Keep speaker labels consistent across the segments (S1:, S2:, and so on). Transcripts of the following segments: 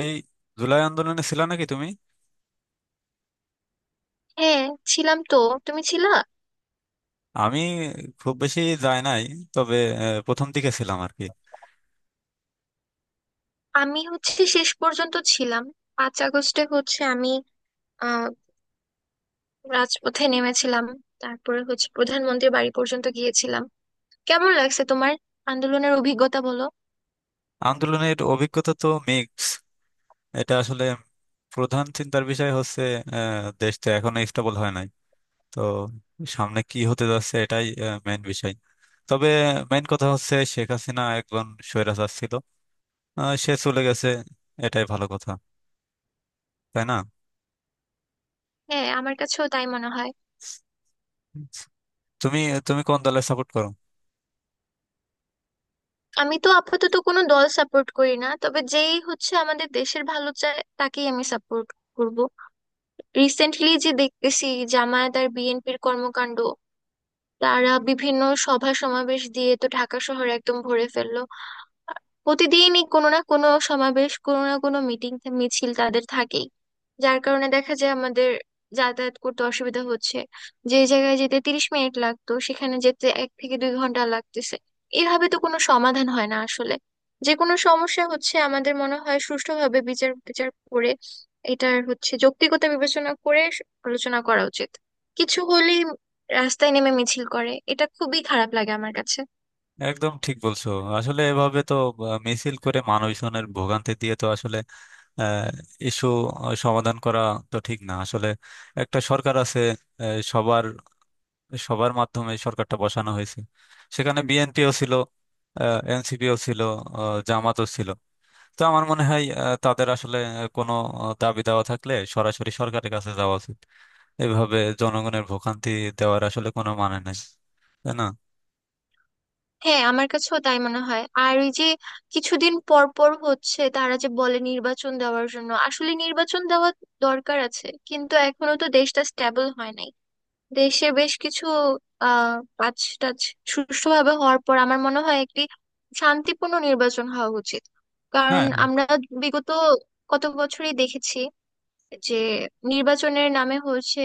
S1: এই জুলাই আন্দোলনে ছিল নাকি তুমি?
S2: হ্যাঁ, ছিলাম তো। তুমি ছিলা?
S1: আমি খুব বেশি যাই নাই, তবে প্রথম দিকে ছিলাম আর কি।
S2: আমি হচ্ছে শেষ পর্যন্ত ছিলাম। 5 আগস্টে হচ্ছে আমি আহ রাজপথে নেমেছিলাম। তারপরে হচ্ছে প্রধানমন্ত্রীর বাড়ি পর্যন্ত গিয়েছিলাম। কেমন লাগছে তোমার আন্দোলনের অভিজ্ঞতা, বলো।
S1: আন্দোলনের অভিজ্ঞতা তো মিক্স। এটা আসলে প্রধান চিন্তার বিষয় হচ্ছে, দেশটা এখনো স্টেবল হয় নাই। তো সামনে কি হতে যাচ্ছে এটাই মেইন বিষয়। তবে মেইন কথা হচ্ছে শেখ হাসিনা একজন স্বৈরাচার ছিল। সে চলে গেছে, এটাই ভালো কথা, তাই না?
S2: হ্যাঁ, আমার কাছেও তাই মনে হয়।
S1: তুমি তুমি কোন দলের সাপোর্ট করো?
S2: আমি তো আপাতত কোনো দল সাপোর্ট করি না, তবে যেই হচ্ছে আমাদের দেশের ভালো চায় তাকেই আমি সাপোর্ট করব। রিসেন্টলি যে দেখতেছি জামায়াত আর বিএনপির কর্মকাণ্ড, তারা বিভিন্ন সভা সমাবেশ দিয়ে তো ঢাকা শহর একদম ভরে ফেললো। প্রতিদিনই কোনো না কোনো সমাবেশ, কোনো না কোনো মিটিং মিছিল তাদের থাকেই। যার কারণে দেখা যায় আমাদের যাতায়াত করতে অসুবিধা হচ্ছে। যে জায়গায় যেতে 30 মিনিট লাগতো সেখানে যেতে 1 থেকে 2 ঘন্টা লাগতেছে। এভাবে তো কোনো সমাধান হয় না আসলে। যে কোনো সমস্যা হচ্ছে আমাদের মনে হয় সুষ্ঠুভাবে বিচার বিচার করে, এটার হচ্ছে যৌক্তিকতা বিবেচনা করে আলোচনা করা উচিত। কিছু হলেই রাস্তায় নেমে মিছিল করে, এটা খুবই খারাপ লাগে আমার কাছে।
S1: একদম ঠিক বলছো। আসলে এভাবে তো মিছিল করে মানুষজনের ভোগান্তি দিয়ে তো আসলে ইস্যু সমাধান করা তো ঠিক না আসলে। একটা সরকার আছে, সবার সবার মাধ্যমে সরকারটা বসানো হয়েছে। সেখানে বিএনপিও ছিল, এনসিপিও ছিল, জামাতও ছিল। তো আমার মনে হয় তাদের আসলে কোনো দাবি দাওয়া থাকলে সরাসরি সরকারের কাছে যাওয়া উচিত। এভাবে জনগণের ভোগান্তি দেওয়ার আসলে কোনো মানে নাই, তাই না?
S2: হ্যাঁ, আমার কাছেও তাই মনে হয়। আর ওই যে কিছুদিন পর পর হচ্ছে তারা যে বলে নির্বাচন দেওয়ার জন্য, আসলে নির্বাচন দেওয়া দরকার আছে, কিন্তু এখনো তো দেশটা স্টেবল হয় নাই। দেশে বেশ কিছু আহ কাজ টাজ সুষ্ঠুভাবে হওয়ার পর আমার মনে হয় একটি শান্তিপূর্ণ নির্বাচন হওয়া উচিত। কারণ
S1: হ্যাঁ,
S2: আমরা বিগত কত বছরই দেখেছি যে নির্বাচনের নামে হচ্ছে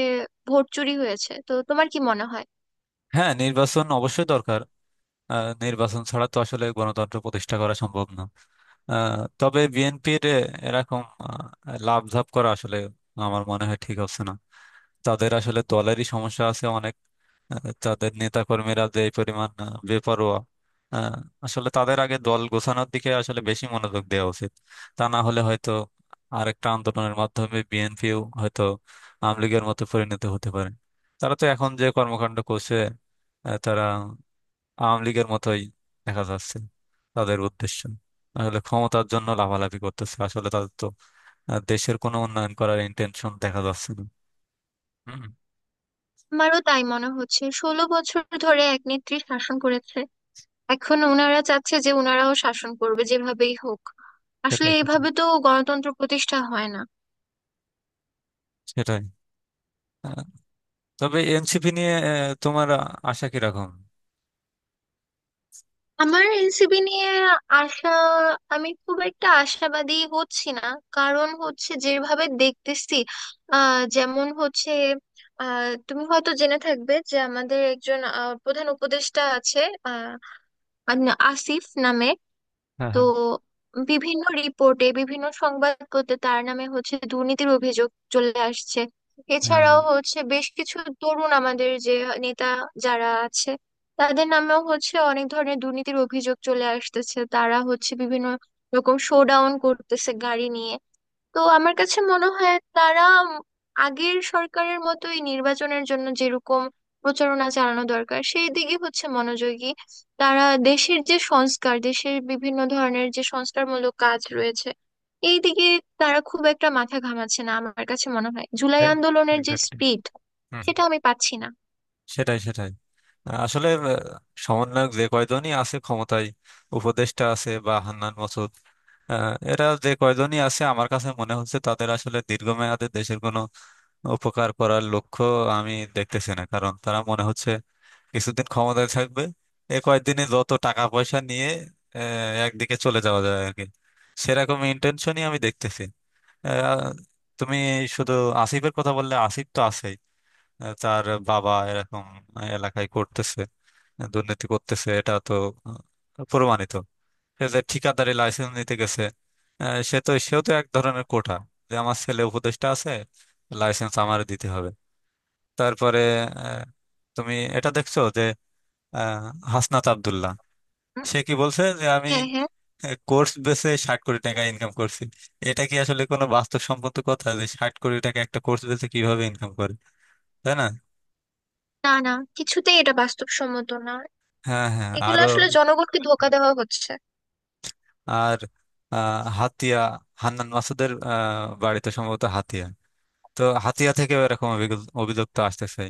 S2: ভোট চুরি হয়েছে। তো তোমার কি মনে হয়?
S1: হ্যাঁ, নির্বাচন অবশ্যই দরকার। নির্বাচন ছাড়া তো আসলে গণতন্ত্র প্রতিষ্ঠা করা সম্ভব না। তবে বিএনপির এরকম লাফঝাপ করা আসলে আমার মনে হয় ঠিক হচ্ছে না। তাদের আসলে দলেরই সমস্যা আছে অনেক। তাদের নেতাকর্মীরা যে পরিমাণ বেপরোয়া, আহ, আসলে তাদের আগে দল গোছানোর দিকে আসলে বেশি মনোযোগ দেওয়া উচিত। তা না হলে হয়তো আরেকটা আন্দোলনের মাধ্যমে বিএনপিও হয়তো আওয়ামী লীগের মতো পরিণত হতে পারে। তারা তো এখন যে কর্মকাণ্ড করছে, তারা আওয়ামী লীগের মতোই দেখা যাচ্ছে। তাদের উদ্দেশ্য আসলে ক্ষমতার জন্য লাভালাভি করতেছে। আসলে তাদের তো দেশের কোনো উন্নয়ন করার ইন্টেনশন দেখা যাচ্ছে না। হুম,
S2: আমারও তাই মনে হচ্ছে। 16 বছর ধরে এক নেত্রী শাসন করেছে, এখন ওনারা চাচ্ছে যে ওনারাও শাসন করবে যেভাবেই হোক। আসলে
S1: সেটাই, সেটাই,
S2: এভাবে তো গণতন্ত্র প্রতিষ্ঠা হয় না।
S1: সেটাই। আহ, তবে এনসিপি নিয়ে তোমার আশা কিরকম?
S2: আমার এনসিপি নিয়ে আশা, আমি খুব একটা আশাবাদী হচ্ছি না। কারণ হচ্ছে যেভাবে দেখতেছি, যেমন হচ্ছে, তুমি হয়তো জেনে থাকবে যে আমাদের একজন প্রধান উপদেষ্টা আছে আহ আসিফ নামে।
S1: হ্যাঁ,
S2: তো
S1: হ্যাঁ,
S2: বিভিন্ন রিপোর্টে বিভিন্ন সংবাদপত্রে তার নামে হচ্ছে দুর্নীতির অভিযোগ চলে আসছে।
S1: হ্যাঁ,
S2: এছাড়াও হচ্ছে বেশ কিছু তরুণ আমাদের যে নেতা যারা আছে, তাদের নামেও হচ্ছে অনেক ধরনের দুর্নীতির অভিযোগ চলে আসতেছে। তারা হচ্ছে বিভিন্ন রকম শোডাউন করতেছে গাড়ি নিয়ে। তো আমার কাছে মনে হয় তারা আগের সরকারের মতোই নির্বাচনের জন্য যেরকম প্রচারণা চালানো দরকার সেই দিকে হচ্ছে মনোযোগী। তারা দেশের যে সংস্কার, দেশের বিভিন্ন ধরনের যে সংস্কারমূলক কাজ রয়েছে এই দিকে তারা খুব একটা মাথা ঘামাচ্ছে না। আমার কাছে মনে হয় জুলাই
S1: হ্যাঁ,
S2: আন্দোলনের যে
S1: exactly.
S2: স্পিড,
S1: হুম,
S2: সেটা
S1: হুম।
S2: আমি পাচ্ছি না।
S1: সেটাই, সেটাই। আসলে সমন্বয়ক যে কয়জনই আছে ক্ষমতায়, উপদেষ্টা আছে বা হান্নান মাসুদ, এরা যে কয়জনই আছে আমার কাছে মনে হচ্ছে তাদের আসলে দীর্ঘমেয়াদে দেশের কোনো উপকার করার লক্ষ্য আমি দেখতেছি না। কারণ তারা মনে হচ্ছে কিছুদিন ক্ষমতায় থাকবে, এ কয়েকদিনে যত টাকা পয়সা নিয়ে একদিকে চলে যাওয়া যায় আর কি, সেরকম ইন্টেনশনই আমি দেখতেছি। আহ, তুমি শুধু আসিফের কথা বললে, আসিফ তো আছেই, তার বাবা এরকম এলাকায় করতেছে, দুর্নীতি করতেছে, এটা তো প্রমাণিত। সে যে ঠিকাদারি লাইসেন্স নিতে গেছে, সে তো সেও তো এক ধরনের কোটা যে আমার ছেলে উপদেষ্টা আছে, লাইসেন্স আমার দিতে হবে। তারপরে আহ, তুমি এটা দেখছো যে আহ, হাসনাত আব্দুল্লাহ
S2: হুম।
S1: সে কি বলছে যে আমি
S2: হ্যাঁ, হ্যাঁ।
S1: কোর্স বেসে 60 কোটি টাকা ইনকাম করছি। এটা কি আসলে কোনো বাস্তবসম্মত কথা যে 60 কোটি টাকা একটা কোর্স বেসে কিভাবে ইনকাম করে? তাই না?
S2: না, না, কিছুতেই এটা বাস্তবসম্মত না।
S1: হ্যাঁ, হ্যাঁ,
S2: এগুলো
S1: আরো।
S2: আসলে জনগণকে ধোকা দেওয়া হচ্ছে।
S1: আর আহ, হাতিয়া হান্নান মাসুদের বাড়িতে সম্ভবত হাতিয়া, তো হাতিয়া থেকে এরকম অভিযোগ অভিযোগ তো আসতেছে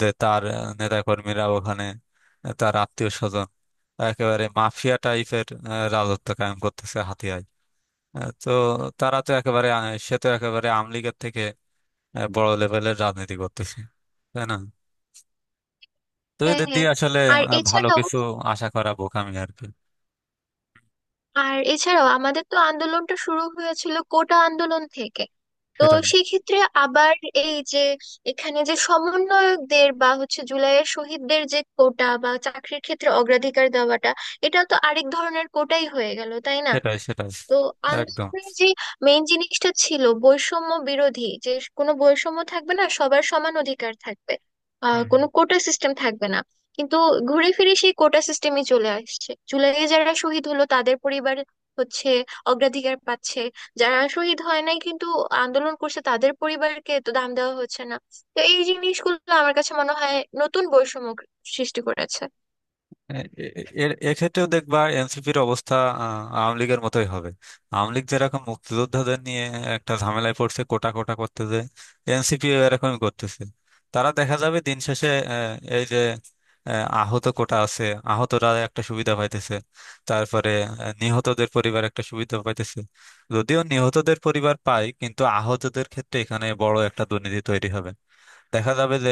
S1: যে তার নেতা কর্মীরা ওখানে, তার আত্মীয় স্বজন একেবারে মাফিয়া টাইপের রাজত্ব কায়েম করতেছে হাতিয়ায়। তো তারা তো একেবারে সে তো একেবারে আওয়ামী লীগের থেকে বড় লেভেলের রাজনীতি করতেছে, তাই না? তো
S2: হ্যাঁ,
S1: এদের
S2: হ্যাঁ।
S1: দিয়ে আসলে
S2: আর
S1: ভালো
S2: এছাড়াও
S1: কিছু আশা করা বোকামি আর কি।
S2: আর এছাড়াও আমাদের তো আন্দোলনটা শুরু হয়েছিল কোটা আন্দোলন থেকে। তো
S1: সেটাই,
S2: সেক্ষেত্রে আবার এই যে এখানে যে সমন্বয়কদের বা হচ্ছে জুলাইয়ের শহীদদের যে কোটা বা চাকরির ক্ষেত্রে অগ্রাধিকার দেওয়াটা, এটা তো আরেক ধরনের কোটাই হয়ে গেল, তাই না?
S1: সেটাই, সেটাই
S2: তো
S1: একদম।
S2: আন্দোলনের যে মেইন জিনিসটা ছিল বৈষম্য বিরোধী, যে কোনো বৈষম্য থাকবে না, সবার সমান অধিকার থাকবে,
S1: হুম, হুম।
S2: কোনো কোটা সিস্টেম থাকবে না। কিন্তু ঘুরে ফিরে সেই কোটা সিস্টেমই চলে আসছে। জুলাইয়ে যারা শহীদ হলো তাদের পরিবার হচ্ছে অগ্রাধিকার পাচ্ছে, যারা শহীদ হয় নাই কিন্তু আন্দোলন করছে তাদের পরিবারকে তো দাম দেওয়া হচ্ছে না। তো এই জিনিসগুলো আমার কাছে মনে হয় নতুন বৈষম্য সৃষ্টি করেছে।
S1: এ- এ- এক্ষেত্রেও দেখবা এনসিপির অবস্থা আওয়ামী লীগের মতোই হবে। আওয়ামী লীগ যেরকম মুক্তিযোদ্ধাদের নিয়ে একটা ঝামেলায় পড়ছে কোটা কোটা করতে, যে এনসিপিও এরকমই করতেছে। তারা দেখা যাবে দিন শেষে, এই যে আহত কোটা আছে, আহতরা একটা সুবিধা পাইতেছে, তারপরে নিহতদের পরিবার একটা সুবিধা পাইতেছে। যদিও নিহতদের পরিবার পায়, কিন্তু আহতদের ক্ষেত্রে এখানে বড় একটা দুর্নীতি তৈরি হবে। দেখা যাবে যে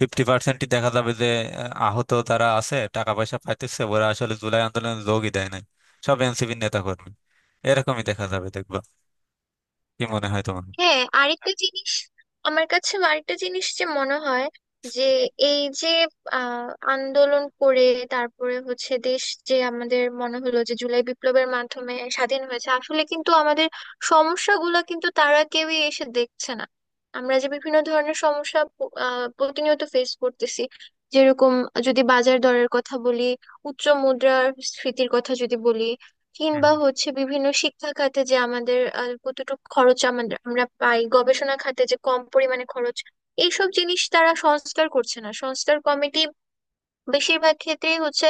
S1: ফিফটি পার্সেন্টই দেখা যাবে যে আহত তারা আছে, টাকা পয়সা পাইতেছে, ওরা আসলে জুলাই আন্দোলনে যোগই দেয় নাই, সব এনসিপির নেতা কর্মী। এরকমই দেখা যাবে, দেখবা। কি মনে হয় তোমার?
S2: হ্যাঁ, আরেকটা জিনিস, আমার কাছে আরেকটা জিনিস যে মনে হয় যে এই যে আহ আন্দোলন করে তারপরে হচ্ছে দেশ, যে আমাদের মনে হলো যে জুলাই বিপ্লবের মাধ্যমে স্বাধীন হয়েছে, আসলে কিন্তু আমাদের সমস্যাগুলো কিন্তু তারা কেউই এসে দেখছে না। আমরা যে বিভিন্ন ধরনের সমস্যা প- আহ প্রতিনিয়ত ফেস করতেছি, যেরকম যদি বাজার দরের কথা বলি, উচ্চ মুদ্রাস্ফীতির কথা যদি বলি,
S1: হুম,
S2: কিংবা
S1: হুম।
S2: হচ্ছে বিভিন্ন শিক্ষা খাতে যে আমাদের কতটুকু খরচ আমাদের আমরা পাই, গবেষণা খাতে যে কম পরিমাণে খরচ। এইসব জিনিস তারা সংস্কার করছে না। সংস্কার কমিটি বেশিরভাগ ক্ষেত্রেই হচ্ছে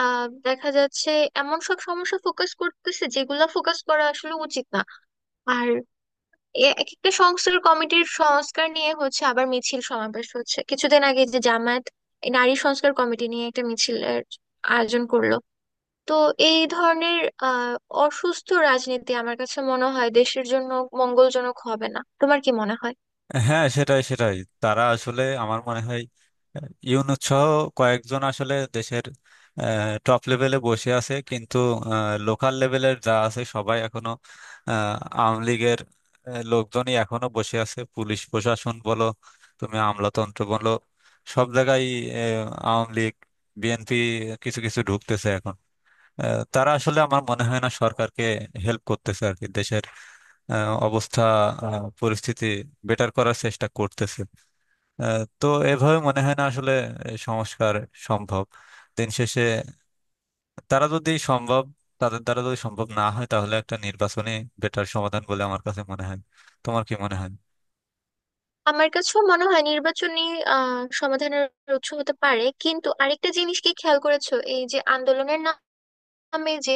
S2: দেখা যাচ্ছে এমন সব সমস্যা ফোকাস করতেছে যেগুলা ফোকাস করা আসলে উচিত না। আর এক একটা সংস্কার কমিটির সংস্কার নিয়ে হচ্ছে আবার মিছিল সমাবেশ হচ্ছে। কিছুদিন আগে যে জামায়াত নারী সংস্কার কমিটি নিয়ে একটা মিছিলের আয়োজন করলো, তো এই ধরনের অসুস্থ রাজনীতি আমার কাছে মনে হয় দেশের জন্য মঙ্গলজনক হবে না। তোমার কি মনে হয়?
S1: হ্যাঁ, সেটাই, সেটাই। তারা আসলে আমার মনে হয় ইউনূস সহ কয়েকজন আসলে দেশের টপ লেভেলে বসে আছে, কিন্তু লোকাল লেভেলের যা আছে সবাই এখনো আওয়ামী লীগের লোকজনই এখনো বসে আছে। পুলিশ প্রশাসন বলো, তুমি আমলাতন্ত্র বলো, সব জায়গায় আওয়ামী লীগ। বিএনপি কিছু কিছু ঢুকতেছে এখন। তারা আসলে আমার মনে হয় না সরকারকে হেল্প করতেছে আর কি, দেশের আহ, অবস্থা পরিস্থিতি বেটার করার চেষ্টা করতেছে। তো এভাবে মনে হয় না আসলে এই সংস্কার সম্ভব। দিন শেষে তারা যদি সম্ভব তাদের দ্বারা যদি সম্ভব না হয়, তাহলে একটা নির্বাচনী বেটার সমাধান বলে আমার কাছে মনে হয়। তোমার কি মনে হয়?
S2: আমার কাছেও মনে হয় নির্বাচনী সমাধানের উৎস হতে পারে, কিন্তু আরেকটা জিনিস কি খেয়াল করেছো, এই যে আন্দোলনের নামে যে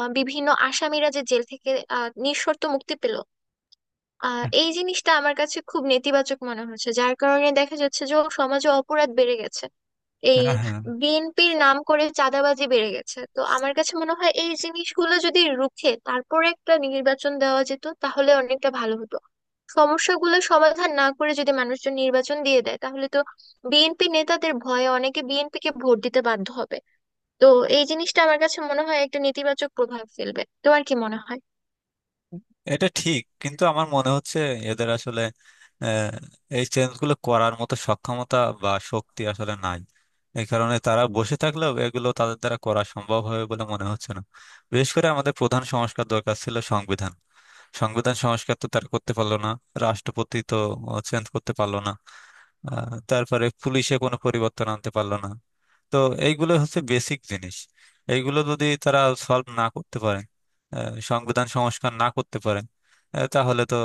S2: বিভিন্ন আসামিরা যে জেল থেকে নিঃশর্ত মুক্তি পেল, এই জিনিসটা আমার কাছে খুব নেতিবাচক মনে হচ্ছে। যার কারণে দেখা যাচ্ছে যে সমাজে অপরাধ বেড়ে গেছে, এই
S1: হ্যাঁ, হ্যাঁ,
S2: বিএনপির নাম করে চাঁদাবাজি বেড়ে গেছে। তো আমার কাছে মনে হয় এই জিনিসগুলো যদি রুখে তারপরে একটা নির্বাচন দেওয়া যেত তাহলে অনেকটা ভালো হতো। সমস্যাগুলো সমাধান না করে যদি মানুষজন নির্বাচন দিয়ে দেয় তাহলে তো বিএনপি নেতাদের ভয়ে অনেকে বিএনপি কে ভোট দিতে বাধ্য হবে। তো এই জিনিসটা আমার কাছে মনে হয় একটা নেতিবাচক প্রভাব ফেলবে। তোমার কি মনে হয়?
S1: এটা ঠিক, কিন্তু আমার মনে হচ্ছে এদের আসলে আহ, এই চেঞ্জগুলো করার মতো সক্ষমতা বা শক্তি আসলে নাই। এই কারণে তারা বসে থাকলেও এগুলো তাদের দ্বারা করা সম্ভব হবে বলে মনে হচ্ছে না। বিশেষ করে আমাদের প্রধান সংস্কার দরকার ছিল সংবিধান। সংবিধান সংস্কার তো তার করতে পারলো না, রাষ্ট্রপতি তো চেঞ্জ করতে পারলো না, তারপরে পুলিশে কোনো পরিবর্তন আনতে পারলো না। তো এইগুলো হচ্ছে বেসিক জিনিস। এইগুলো যদি তারা সলভ না করতে পারে, সংবিধান সংস্কার না করতে পারে, তাহলে তো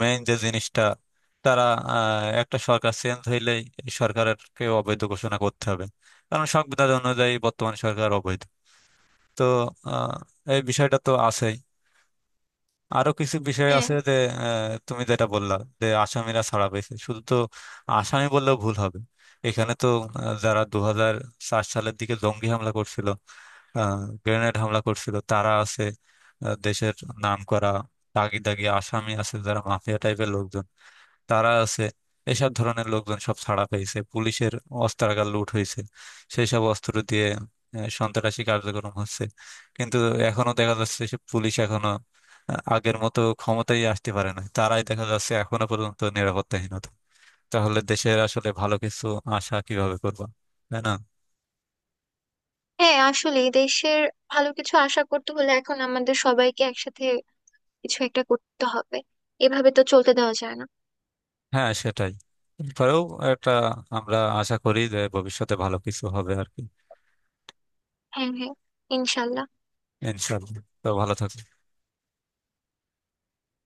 S1: মেইন যে জিনিসটা তারা, একটা সরকার চেঞ্জ হইলেই এই সরকারকে অবৈধ ঘোষণা করতে হবে, কারণ সংবিধান অনুযায়ী বর্তমান সরকার অবৈধ। তো আহ, এই বিষয়টা তো আছেই। আরো কিছু বিষয়
S2: হ্যাঁ,
S1: আছে যে তুমি যেটা বললা যে আসামিরা ছাড়া পেয়েছে, শুধু তো আসামি বললেও ভুল হবে। এখানে তো যারা 2004 সালের দিকে জঙ্গি হামলা করছিল, গ্রেনেড হামলা করছিল, তারা আছে। দেশের নাম করা দাগি দাগি আসামি আছে যারা মাফিয়া টাইপের লোকজন, তারা আছে। এসব ধরনের লোকজন সব ছাড়া পেয়েছে। পুলিশের অস্ত্রাগার লুট হয়েছে, সেই সব অস্ত্র দিয়ে সন্ত্রাসী কার্যক্রম হচ্ছে। কিন্তু এখনো দেখা যাচ্ছে সে পুলিশ এখনো আগের মতো ক্ষমতায় আসতে পারে না। তারাই দেখা যাচ্ছে এখনো পর্যন্ত নিরাপত্তাহীনতা। তাহলে দেশের আসলে ভালো কিছু আশা কিভাবে করবো? তাই না?
S2: হ্যাঁ, আসলে দেশের ভালো কিছু আশা করতে হলে এখন আমাদের সবাইকে একসাথে কিছু একটা করতে হবে। এভাবে তো চলতে দেওয়া যায় না।
S1: হ্যাঁ, সেটাই। তারপরেও একটা, আমরা আশা করি যে ভবিষ্যতে ভালো কিছু হবে আর কি।
S2: হ্যাঁ, হ্যাঁ, ইনশাল্লাহ।
S1: ইনশাল্লাহ, তো ভালো থাকো।